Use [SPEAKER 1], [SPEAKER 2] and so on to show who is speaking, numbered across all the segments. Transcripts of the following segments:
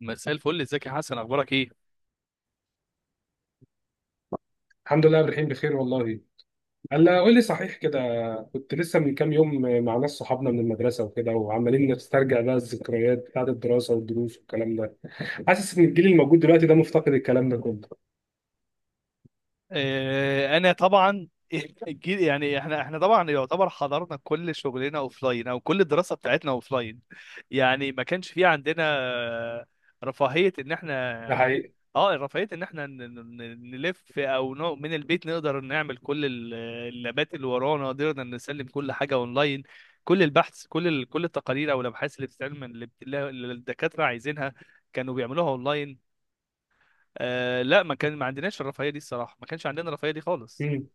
[SPEAKER 1] مساء الفل. ازيك يا حسن؟ اخبارك ايه؟
[SPEAKER 2] الحمد لله الرحيم بخير والله. هلا، قول لي، صحيح كده، كنت لسه من كام يوم مع ناس صحابنا من المدرسه وكده وعمالين نسترجع بقى الذكريات بتاعت الدراسه والدروس والكلام ده. حاسس ان الجيل الموجود دلوقتي ده مفتقد الكلام ده كله.
[SPEAKER 1] انا طبعا. يعني احنا طبعا يعتبر حضرنا كل شغلنا اوف لاين، او كل الدراسه بتاعتنا اوف لاين. يعني ما كانش في عندنا آه، رفاهيه ان
[SPEAKER 2] ده
[SPEAKER 1] احنا.
[SPEAKER 2] حقيقي.
[SPEAKER 1] اه رفاهيه ان احنا نلف، او من البيت نقدر نعمل كل اللابات اللي ورانا. قدرنا نسلم كل حاجه اونلاين، كل البحث، كل كل التقارير او الابحاث اللي بتتعمل، اللي اللي الدكاتره عايزينها كانوا بيعملوها اونلاين. لا، ما كان ما عندناش الرفاهيه دي الصراحه، ما كانش عندنا الرفاهيه دي خالص.
[SPEAKER 2] مم.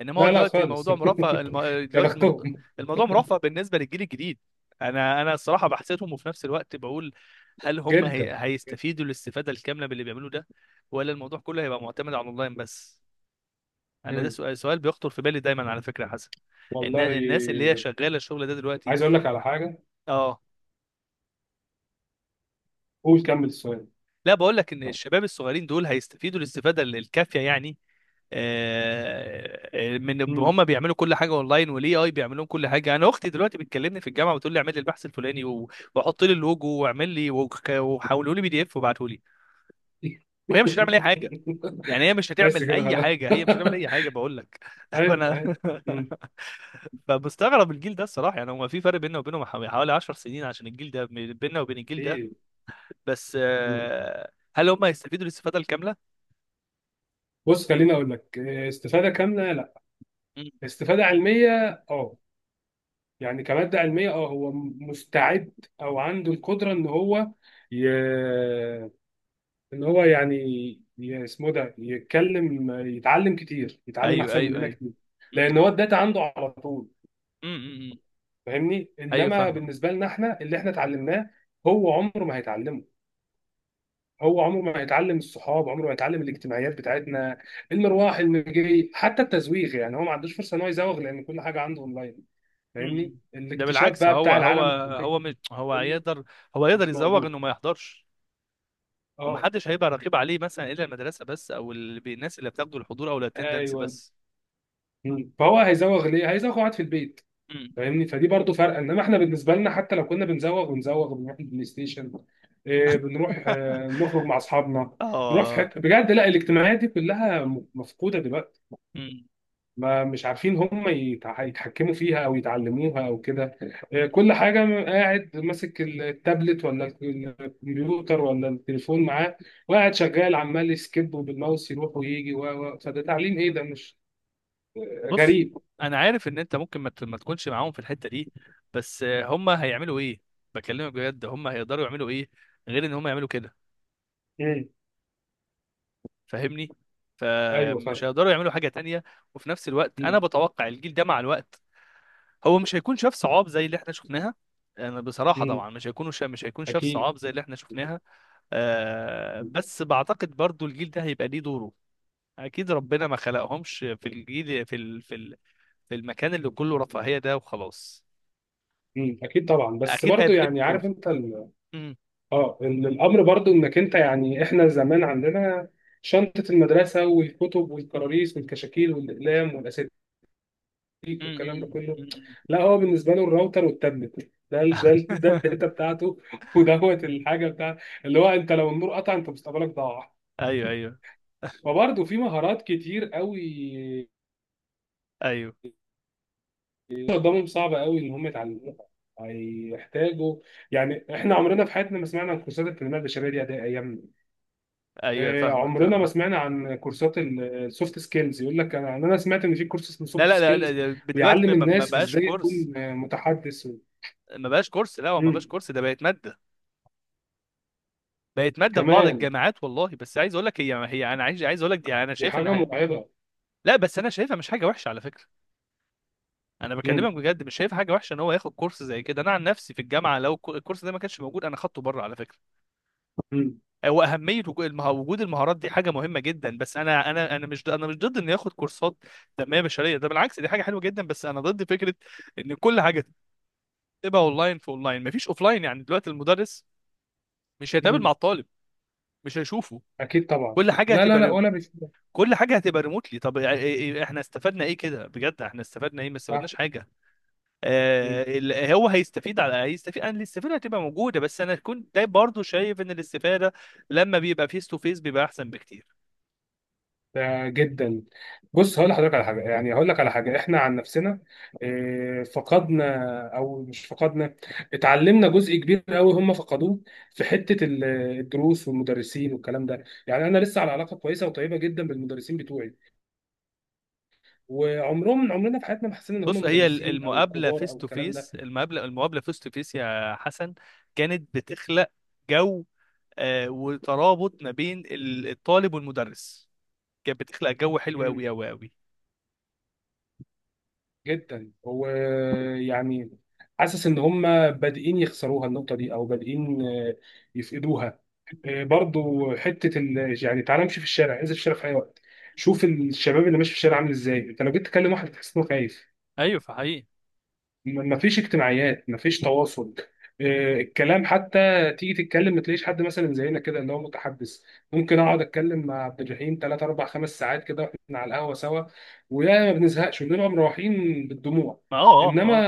[SPEAKER 1] انما هو
[SPEAKER 2] لا لا
[SPEAKER 1] دلوقتي
[SPEAKER 2] خالص.
[SPEAKER 1] الموضوع مرفه
[SPEAKER 2] يا
[SPEAKER 1] دلوقتي الموضوع،
[SPEAKER 2] بختهم.
[SPEAKER 1] الموضوع مرفه بالنسبه للجيل الجديد. انا الصراحه بحسدهم، وفي نفس الوقت بقول هل هم
[SPEAKER 2] جدا.
[SPEAKER 1] هيستفيدوا الاستفاده الكامله باللي بيعملوه ده، ولا الموضوع كله هيبقى معتمد على الاونلاين بس؟ انا ده
[SPEAKER 2] مم.
[SPEAKER 1] سؤال بيخطر في بالي دايما على فكره يا حسن.
[SPEAKER 2] والله.
[SPEAKER 1] الناس اللي هي شغاله الشغل ده دلوقتي.
[SPEAKER 2] عايز اقول لك على حاجه.
[SPEAKER 1] اه،
[SPEAKER 2] قول كمل السؤال.
[SPEAKER 1] لا بقول لك ان الشباب الصغيرين دول هيستفيدوا الاستفاده الكافيه يعني. من
[SPEAKER 2] مم.
[SPEAKER 1] هم بيعملوا كل حاجه اونلاين، والاي اي بيعملوا كل حاجه. انا اختي دلوقتي بتكلمني في الجامعه بتقول لي اعمل لي البحث الفلاني وحط لي اللوجو واعمل لي وحولوا لي بي دي اف وابعته لي، وهي مش هتعمل اي حاجه. يعني هي مش
[SPEAKER 2] بس
[SPEAKER 1] هتعمل
[SPEAKER 2] كده
[SPEAKER 1] اي
[SPEAKER 2] خلاص.
[SPEAKER 1] حاجه، هي مش هتعمل اي حاجه بقول لك.
[SPEAKER 2] ايوه
[SPEAKER 1] فانا.
[SPEAKER 2] ايوه. مم.
[SPEAKER 1] فمستغرب الجيل ده الصراحه، يعني هو في فرق بيننا وبينهم حوالي 10 سنين عشان الجيل ده، بيننا وبين الجيل ده.
[SPEAKER 2] اكيد.
[SPEAKER 1] بس هل هم هيستفيدوا الاستفاده الكامله؟
[SPEAKER 2] بص، خليني اقول لك، استفاده كامله لا،
[SPEAKER 1] مم.
[SPEAKER 2] استفاده علميه. اه، يعني كماده علميه، اه، هو مستعد، او عنده القدره ان هو ي... ان هو يعني اسمه ده يتعلم كتير، يتعلم
[SPEAKER 1] ايوه،
[SPEAKER 2] احسن
[SPEAKER 1] ايوه،
[SPEAKER 2] مننا
[SPEAKER 1] ايوه.
[SPEAKER 2] كتير،
[SPEAKER 1] مم،
[SPEAKER 2] لان هو
[SPEAKER 1] مم.
[SPEAKER 2] الداتا عنده على طول.
[SPEAKER 1] مم، مم، مم.
[SPEAKER 2] فاهمني؟
[SPEAKER 1] ايوه،
[SPEAKER 2] انما
[SPEAKER 1] فاهمك.
[SPEAKER 2] بالنسبه لنا، احنا اللي احنا اتعلمناه هو عمره ما هيتعلمه. هو عمره ما هيتعلم الصحاب، عمره ما هيتعلم الاجتماعيات بتاعتنا، المروح المجي، حتى التزويغ. يعني هو ما عندوش فرصه ان هو يزوغ، لان كل حاجه عنده اونلاين. فاهمني؟
[SPEAKER 1] م-م. ده
[SPEAKER 2] الاكتشاف
[SPEAKER 1] بالعكس،
[SPEAKER 2] بقى
[SPEAKER 1] هو
[SPEAKER 2] بتاع
[SPEAKER 1] هو
[SPEAKER 2] العالم الفكري
[SPEAKER 1] هو هو
[SPEAKER 2] كله
[SPEAKER 1] يقدر، هو يقدر
[SPEAKER 2] مش
[SPEAKER 1] يزوغ
[SPEAKER 2] موجود.
[SPEAKER 1] انه ما يحضرش.
[SPEAKER 2] اه،
[SPEAKER 1] ومحدش هيبقى رقيب عليه مثلا الا المدرسه بس، او الناس اللي بتاخدوا الحضور او الاتندنس
[SPEAKER 2] ايوه.
[SPEAKER 1] بس.
[SPEAKER 2] مم. فهو هيزوغ ليه؟ هيزوغ قاعد في البيت.
[SPEAKER 1] م.
[SPEAKER 2] فاهمني؟ فدي برضو فرق. انما احنا بالنسبه لنا، حتى لو كنا بنزوغ بنروح البلاي ستيشن، بنروح، نخرج مع اصحابنا، نروح في
[SPEAKER 1] اه
[SPEAKER 2] حته بجد. لا، الاجتماعيات دي كلها مفقوده دلوقتي.
[SPEAKER 1] م-
[SPEAKER 2] ما مش عارفين هم يتحكموا فيها، او يتعلموها، او كده.
[SPEAKER 1] م-
[SPEAKER 2] كل حاجه، قاعد ماسك التابلت، ولا الكمبيوتر، ولا التليفون معاه، وقاعد شغال عمال يسكيب، وبالماوس يروح ويجي، فده تعليم ايه؟ ده مش
[SPEAKER 1] بص،
[SPEAKER 2] غريب؟
[SPEAKER 1] انا عارف ان انت ممكن ما تكونش معاهم في الحته دي. بس هم هيعملوا ايه؟ بكلمك بجد، هم هيقدروا يعملوا ايه غير ان هم يعملوا كده؟
[SPEAKER 2] مم.
[SPEAKER 1] فاهمني؟
[SPEAKER 2] ايوه،
[SPEAKER 1] فمش
[SPEAKER 2] فاهم.
[SPEAKER 1] هيقدروا يعملوا حاجه تانية. وفي نفس الوقت، انا
[SPEAKER 2] مم.
[SPEAKER 1] بتوقع الجيل ده مع الوقت هو مش هيكون شاف صعاب زي اللي احنا شفناها. انا بصراحه
[SPEAKER 2] مم.
[SPEAKER 1] طبعا مش هيكونوا مش هيكون شاف
[SPEAKER 2] اكيد.
[SPEAKER 1] صعاب زي اللي احنا شفناها. بس بعتقد برضو الجيل ده هيبقى ليه دوره. اكيد ربنا ما خلقهمش في الجيل في المكان اللي كله رفاهيه ده وخلاص.
[SPEAKER 2] مم. اكيد طبعا، بس
[SPEAKER 1] اكيد
[SPEAKER 2] برضو
[SPEAKER 1] هيبقى ليه
[SPEAKER 2] يعني، عارف
[SPEAKER 1] دور.
[SPEAKER 2] انت
[SPEAKER 1] مم.
[SPEAKER 2] الامر، برضو انك انت، يعني احنا زمان عندنا شنطه المدرسه، والكتب، والكراريس، والكشاكيل، والاقلام، والاساتذه،
[SPEAKER 1] مم.
[SPEAKER 2] والكلام ده
[SPEAKER 1] مم.
[SPEAKER 2] كله.
[SPEAKER 1] مم.
[SPEAKER 2] لا، هو بالنسبه له الراوتر والتابلت، ده الداتا بتاعته، ودوت الحاجه بتاع اللي هو، انت لو النور قطع انت مستقبلك ضاع.
[SPEAKER 1] ايوه، ايوه،
[SPEAKER 2] وبرضه في مهارات كتير قوي
[SPEAKER 1] ايوه.
[SPEAKER 2] قدامهم، صعبة قوي ان هم يتعلموها، هيحتاجوا. يعني احنا عمرنا في حياتنا ما سمعنا عن كورسات التنميه البشريه دي اداء ايامنا.
[SPEAKER 1] ايوه، فاهمك
[SPEAKER 2] عمرنا ما
[SPEAKER 1] فاهمك.
[SPEAKER 2] سمعنا عن كورسات السوفت سكيلز. يقول لك، انا سمعت ان في كورس اسمه
[SPEAKER 1] لا،
[SPEAKER 2] سوفت
[SPEAKER 1] لا، لا،
[SPEAKER 2] سكيلز
[SPEAKER 1] لا، دلوقتي
[SPEAKER 2] بيعلم
[SPEAKER 1] ما
[SPEAKER 2] الناس
[SPEAKER 1] بقاش
[SPEAKER 2] ازاي
[SPEAKER 1] كورس.
[SPEAKER 2] تكون متحدث،
[SPEAKER 1] ما بقاش كورس، لا هو ما
[SPEAKER 2] مم.
[SPEAKER 1] بقاش كورس، ده بقت ماده. بقت ماده في بعض
[SPEAKER 2] كمان.
[SPEAKER 1] الجامعات والله. بس عايز اقول لك هي انا عايز اقول لك دي، يعني انا
[SPEAKER 2] دي
[SPEAKER 1] شايف ان
[SPEAKER 2] حاجة مرعبة.
[SPEAKER 1] لا بس انا شايفها مش حاجه وحشه على فكره. انا
[SPEAKER 2] مم.
[SPEAKER 1] بكلمك بجد مش شايف حاجه وحشه ان هو ياخد كورس زي كده. انا عن نفسي في الجامعه لو الكورس ده ما كانش موجود انا خدته بره على فكره.
[SPEAKER 2] مم.
[SPEAKER 1] هو اهميه وجود المهارات دي حاجه مهمه جدا. بس انا مش ضد- انا مش ضد انه ياخد كورسات تنميه بشريه، ده بالعكس دي حاجه حلوه جدا. بس انا ضد فكره ان كل حاجه تبقى اونلاين، في اونلاين مفيش اوفلاين. يعني دلوقتي المدرس مش هيتقابل
[SPEAKER 2] مم.
[SPEAKER 1] مع الطالب، مش هيشوفه.
[SPEAKER 2] أكيد طبعا.
[SPEAKER 1] كل حاجه
[SPEAKER 2] لا لا لا،
[SPEAKER 1] هتبقى،
[SPEAKER 2] ولا بشوف.
[SPEAKER 1] كل حاجه هتبقى ريموتلي. طب إيه- إيه- إيه، احنا استفدنا ايه كده بجد؟ احنا استفدنا ايه؟ ما
[SPEAKER 2] صح.
[SPEAKER 1] استفدناش حاجه.
[SPEAKER 2] مم.
[SPEAKER 1] هو هيستفيد، هيستفيد، انا الاستفاده هتبقى موجوده. بس انا كنت ده برضو شايف ان الاستفاده لما بيبقى فيس تو فيس بيبقى احسن بكتير.
[SPEAKER 2] ده جدا. بص، هقول لحضرتك على حاجة، يعني هقول لك على حاجة. إحنا عن نفسنا فقدنا، أو مش فقدنا، اتعلمنا جزء كبير قوي هم فقدوه، في حتة الدروس والمدرسين والكلام ده. يعني أنا لسه على علاقة كويسة وطيبة جدا بالمدرسين بتوعي. عمرنا في حياتنا ما حسينا إن
[SPEAKER 1] بص،
[SPEAKER 2] هم
[SPEAKER 1] هي
[SPEAKER 2] مدرسين أو
[SPEAKER 1] المقابله
[SPEAKER 2] كبار
[SPEAKER 1] فيس
[SPEAKER 2] أو
[SPEAKER 1] تو
[SPEAKER 2] الكلام
[SPEAKER 1] فيس، المقابله فيس تو فيس يا حسن، كانت بتخلق جو وترابط ما بين الطالب والمدرس. كانت بتخلق جو حلو قوي
[SPEAKER 2] ده
[SPEAKER 1] قوي قوي.
[SPEAKER 2] جدا. هو يعني، حاسس ان هم بادئين يخسروها النقطه دي، او بادئين يفقدوها. برضو حته يعني تعالى امشي في الشارع، انزل في الشارع في اي وقت، شوف الشباب اللي ماشي في الشارع عامل ازاي. انت لو جيت تكلم واحد تحس انه خايف.
[SPEAKER 1] ايوه، فحقيقي.
[SPEAKER 2] مفيش اجتماعيات، مفيش تواصل. الكلام حتى، تيجي تتكلم ما تلاقيش حد مثلا زينا كده، اللي هو متحدث. ممكن اقعد اتكلم مع عبد الرحيم 3 4 5 ساعات كده، واحنا على القهوه سوا، ويا ما بنزهقش، بنبقى مروحين بالدموع.
[SPEAKER 1] ما.
[SPEAKER 2] انما
[SPEAKER 1] اه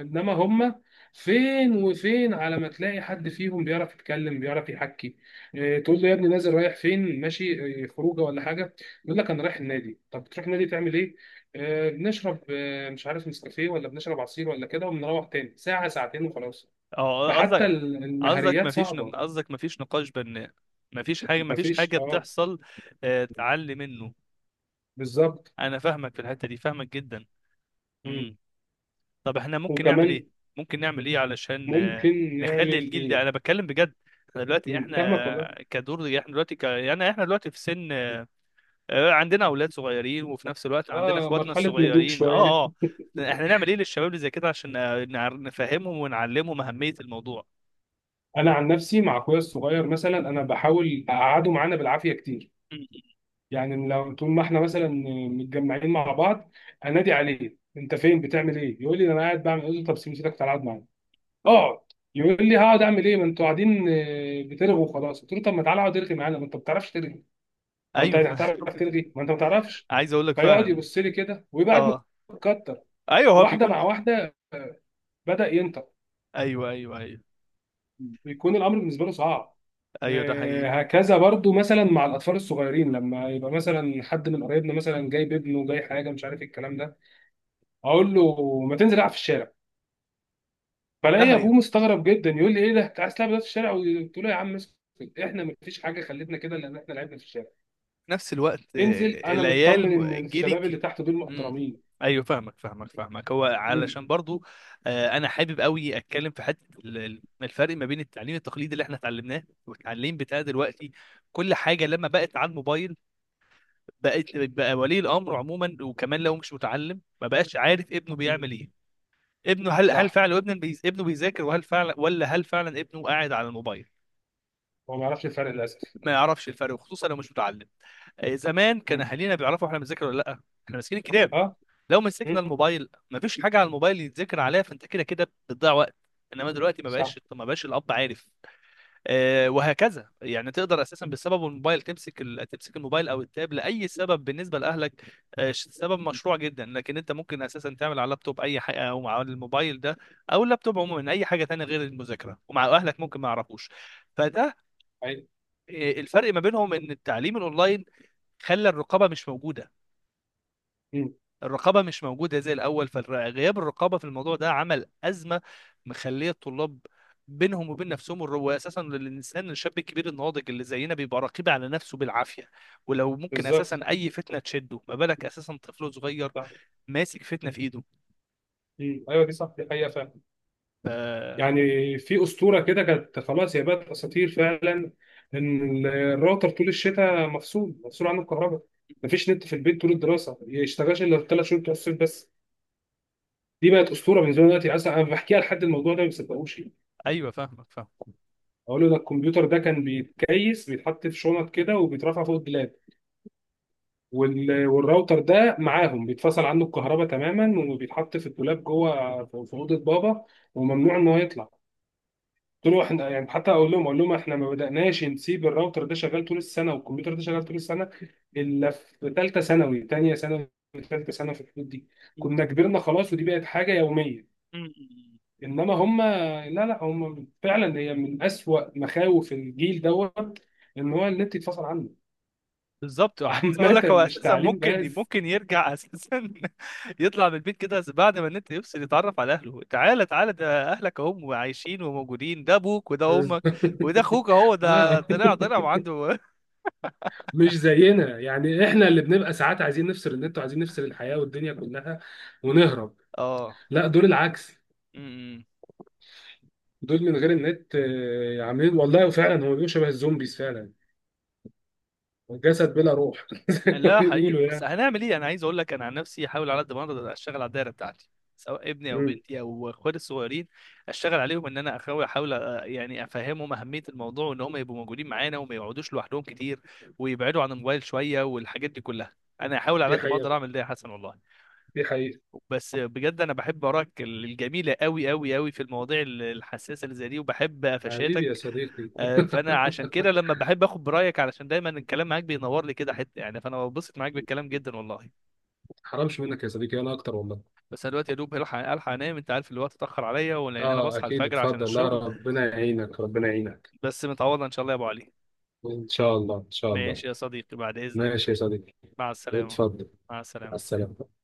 [SPEAKER 2] هم، فين وفين على ما تلاقي حد فيهم بيعرف يتكلم، بيعرف يحكي. تقول له يا ابني نازل رايح فين ماشي؟ خروجه ولا حاجه؟ يقول لك انا رايح النادي. طب بتروح النادي تعمل ايه؟ بنشرب، مش عارف، نسكافيه، ولا بنشرب عصير، ولا كده، وبنروح تاني ساعة ساعتين وخلاص.
[SPEAKER 1] اه اه
[SPEAKER 2] فحتى
[SPEAKER 1] قصدك،
[SPEAKER 2] المهريات صعبة.
[SPEAKER 1] قصدك مفيش نقاش بناء؟ مفيش حاجة، مفيش
[SPEAKER 2] مفيش،
[SPEAKER 1] حاجة
[SPEAKER 2] اه.
[SPEAKER 1] بتحصل تعلي منه.
[SPEAKER 2] بالظبط.
[SPEAKER 1] أنا فاهمك في الحتة دي، فاهمك جدا.
[SPEAKER 2] مم.
[SPEAKER 1] مم. طب احنا ممكن نعمل إيه؟
[SPEAKER 2] وكمان
[SPEAKER 1] ممكن نعمل إيه علشان
[SPEAKER 2] ممكن
[SPEAKER 1] نخلي
[SPEAKER 2] نعمل
[SPEAKER 1] الجيل ده؟
[SPEAKER 2] ايه؟
[SPEAKER 1] أنا بتكلم بجد.
[SPEAKER 2] مم. فاهمك والله.
[SPEAKER 1] احنا دلوقتي يعني احنا دلوقتي في سن عندنا أولاد صغيرين، وفي نفس الوقت عندنا
[SPEAKER 2] اه،
[SPEAKER 1] إخواتنا
[SPEAKER 2] مرحلة نضوج
[SPEAKER 1] الصغيرين.
[SPEAKER 2] شوية.
[SPEAKER 1] اه احنا نعمل إيه للشباب اللي زي كده عشان نفهمهم ونعلمهم أهمية الموضوع؟
[SPEAKER 2] انا عن نفسي مع اخويا الصغير مثلا، انا بحاول اقعده معانا بالعافية كتير.
[SPEAKER 1] مم.
[SPEAKER 2] يعني لو طول ما احنا مثلا متجمعين مع بعض، انادي عليه، انت فين بتعمل ايه؟ يقول لي انا قاعد بعمل ايه، طب سيبني سيبك تعالى اقعد معايا، اقعد. يقول لي هقعد اعمل ايه، ما انتوا قاعدين بترغوا وخلاص. قلت له طب ما تعالى اقعد ارغي معانا، ما انت ما بتعرفش ترغي. هو انت
[SPEAKER 1] أيوه.
[SPEAKER 2] يعني هتعرف ترغي؟ ما انت ما بتعرفش.
[SPEAKER 1] عايز أقول لك
[SPEAKER 2] فيقعد
[SPEAKER 1] فعلا.
[SPEAKER 2] يبص لي كده، ويبقى قاعد
[SPEAKER 1] اه.
[SPEAKER 2] متكتر،
[SPEAKER 1] ايوه، هو
[SPEAKER 2] واحده
[SPEAKER 1] بيكون.
[SPEAKER 2] مع واحده بدا ينطق.
[SPEAKER 1] ايوه ايوه ايوه.
[SPEAKER 2] بيكون الامر بالنسبه له صعب.
[SPEAKER 1] ايوه، ده حقيقي.
[SPEAKER 2] هكذا برضو، مثلا مع الاطفال الصغيرين، لما يبقى مثلا حد من قرايبنا مثلا جايب ابنه جاي، حاجه مش عارف إيه الكلام ده، اقول له ما تنزل العب في الشارع.
[SPEAKER 1] لا
[SPEAKER 2] فلاقي
[SPEAKER 1] هي،
[SPEAKER 2] ابوه مستغرب جدا يقول لي ايه ده، انت عايز تلعب دلوقتي في الشارع؟ قلت له يا عم اسكت، احنا مفيش حاجه خلتنا كده، لان احنا لعبنا في الشارع.
[SPEAKER 1] في نفس الوقت
[SPEAKER 2] انزل، انا
[SPEAKER 1] العيال
[SPEAKER 2] مطمن ان الشباب اللي
[SPEAKER 1] جيلك.
[SPEAKER 2] تحت دول
[SPEAKER 1] امم.
[SPEAKER 2] محترمين.
[SPEAKER 1] ايوه فاهمك فاهمك فاهمك. هو
[SPEAKER 2] مم.
[SPEAKER 1] علشان برضو انا حابب قوي اتكلم في حته الفرق ما بين التعليم التقليدي اللي احنا اتعلمناه والتعليم بتاع دلوقتي. كل حاجه لما بقت على الموبايل بقت، بقى ولي الامر عموما، وكمان لو مش متعلم ما بقاش عارف ابنه
[SPEAKER 2] مم.
[SPEAKER 1] بيعمل ايه. ابنه، هل
[SPEAKER 2] صح.
[SPEAKER 1] فعلا ابنه ابنه بيذاكر؟ وهل فعلا، ولا هل فعلا ابنه قاعد على الموبايل؟
[SPEAKER 2] هو ما يعرفش الفرق للاسف.
[SPEAKER 1] ما يعرفش الفرق، وخصوصا لو مش متعلم. زمان كان
[SPEAKER 2] مم.
[SPEAKER 1] اهالينا بيعرفوا احنا بنذاكر ولا لا. احنا ماسكين الكتاب،
[SPEAKER 2] اه.
[SPEAKER 1] لو مسكنا
[SPEAKER 2] مم.
[SPEAKER 1] الموبايل ما فيش حاجه على الموبايل يتذاكر عليها، فانت كده كده بتضيع وقت. انما دلوقتي ما
[SPEAKER 2] صح.
[SPEAKER 1] بقاش ما بقاش الاب عارف. وهكذا يعني تقدر اساسا بسبب الموبايل تمسك الموبايل او التاب لاي سبب بالنسبه لاهلك. سبب مشروع جدا، لكن انت ممكن اساسا تعمل على اللابتوب اي حاجه، او مع الموبايل ده، او اللابتوب عموما اي حاجه تانية غير المذاكره، ومع اهلك ممكن ما يعرفوش. فده
[SPEAKER 2] ايوه.
[SPEAKER 1] الفرق ما بينهم، ان التعليم الاونلاين خلى الرقابه مش موجوده.
[SPEAKER 2] مم.
[SPEAKER 1] الرقابه مش موجوده زي الاول، فغياب الرقابه في الموضوع ده عمل ازمه، مخليه الطلاب بينهم وبين نفسهم. اساسا الانسان الشاب الكبير الناضج اللي زينا بيبقى رقيب على نفسه بالعافيه، ولو ممكن اساسا
[SPEAKER 2] بالظبط.
[SPEAKER 1] اي فتنه تشده، ما بالك اساسا طفل صغير
[SPEAKER 2] صح.
[SPEAKER 1] ماسك فتنه في ايده.
[SPEAKER 2] مم. ايوه، دي صح، دي حقيقه فعلا.
[SPEAKER 1] ف-
[SPEAKER 2] يعني في اسطوره كده كانت، خلاص هي بقت اساطير فعلا، ان الراوتر طول الشتاء مفصول، مفصول عنه الكهرباء، مفيش نت في البيت طول الدراسه، ما يشتغلش الا ثلاث شهور بتوع الصيف بس. دي بقت اسطوره بالنسبه لي دلوقتي، اصلا انا بحكيها لحد الموضوع ده ما بيصدقوش.
[SPEAKER 1] ايوه فاهمك،
[SPEAKER 2] اقول له ده الكمبيوتر ده كان بيتكيس، بيتحط في شنط كده وبيترفع فوق الدولاب. والراوتر ده معاهم بيتفصل عنه الكهرباء تماما، وبيتحط في الدولاب جوه في اوضه بابا، وممنوع ان هو يطلع. قلت له احنا يعني حتى، اقول لهم احنا ما بدأناش نسيب الراوتر ده شغال طول السنه، والكمبيوتر ده شغال طول السنه، الا في ثالثه ثانوي، ثانيه ثانوي، ثالثه ثانوي، في الحدود دي،
[SPEAKER 1] فاهم.
[SPEAKER 2] كنا كبرنا خلاص ودي بقت حاجه يوميه. انما هم، لا لا، هم فعلا هي من اسوأ مخاوف الجيل دوت، ان هو النت يتفصل عنه.
[SPEAKER 1] بالظبط، وعايز اقول
[SPEAKER 2] عامة
[SPEAKER 1] لك هو
[SPEAKER 2] مش
[SPEAKER 1] اساسا
[SPEAKER 2] تعليم
[SPEAKER 1] ممكن
[SPEAKER 2] بس.
[SPEAKER 1] ممكن يرجع اساسا يطلع من البيت كده، بعد ما النت يفصل يتعرف على اهله. تعالى تعالى، ده اهلك اهم عايشين وموجودين، ده ابوك وده امك وده اخوك اهو، ده
[SPEAKER 2] اه
[SPEAKER 1] طلع طلع وعنده.
[SPEAKER 2] مش زينا. يعني احنا اللي بنبقى ساعات عايزين نفصل النت، وعايزين نفصل الحياة والدنيا كلها ونهرب. لا، دول العكس،
[SPEAKER 1] اه.
[SPEAKER 2] دول من غير النت عاملين، والله فعلا هو بيبقوا شبه الزومبيز فعلا، جسد بلا روح زي ما
[SPEAKER 1] لا، حقيقي.
[SPEAKER 2] بيقولوا
[SPEAKER 1] بس
[SPEAKER 2] يعني.
[SPEAKER 1] هنعمل ايه؟ انا عايز اقول لك، انا عن نفسي احاول على قد ما اقدر اشتغل على الدايره بتاعتي، سواء ابني او
[SPEAKER 2] مم.
[SPEAKER 1] بنتي او اخواتي الصغيرين. اشتغل عليهم، ان انا احاول يعني افهمهم اهميه الموضوع، وان هم يبقوا موجودين معانا وما يقعدوش لوحدهم كتير، ويبعدوا عن الموبايل شويه، والحاجات دي كلها. انا احاول على
[SPEAKER 2] دي
[SPEAKER 1] قد ما اقدر
[SPEAKER 2] حقيقة،
[SPEAKER 1] اعمل ده يا حسن والله.
[SPEAKER 2] دي حقيقة.
[SPEAKER 1] بس بجد انا بحب اراك الجميله قوي قوي قوي في المواضيع الحساسه اللي زي دي، وبحب
[SPEAKER 2] حبيبي
[SPEAKER 1] قفشاتك.
[SPEAKER 2] يا صديقي.
[SPEAKER 1] فانا عشان كده لما بحب اخد برايك، علشان دايما الكلام معاك بينور لي كده حته، يعني فانا ببسط معاك بالكلام جدا والله.
[SPEAKER 2] حرامش منك يا صديقي، انا اكتر والله.
[SPEAKER 1] بس انا دلوقتي يا دوب هلحق الحق انام، انت عارف الوقت اتاخر عليا، ولان انا
[SPEAKER 2] اه
[SPEAKER 1] بصحى
[SPEAKER 2] اكيد،
[SPEAKER 1] الفجر عشان
[SPEAKER 2] اتفضل، لا
[SPEAKER 1] الشغل.
[SPEAKER 2] ربنا يعينك ربنا يعينك.
[SPEAKER 1] بس متعوضه ان شاء الله يا ابو علي.
[SPEAKER 2] ان شاء الله ان شاء الله.
[SPEAKER 1] ماشي يا صديقي، بعد اذنك.
[SPEAKER 2] ماشي يا صديقي.
[SPEAKER 1] مع السلامه.
[SPEAKER 2] اتفضل.
[SPEAKER 1] مع
[SPEAKER 2] مع
[SPEAKER 1] السلامه.
[SPEAKER 2] السلامه.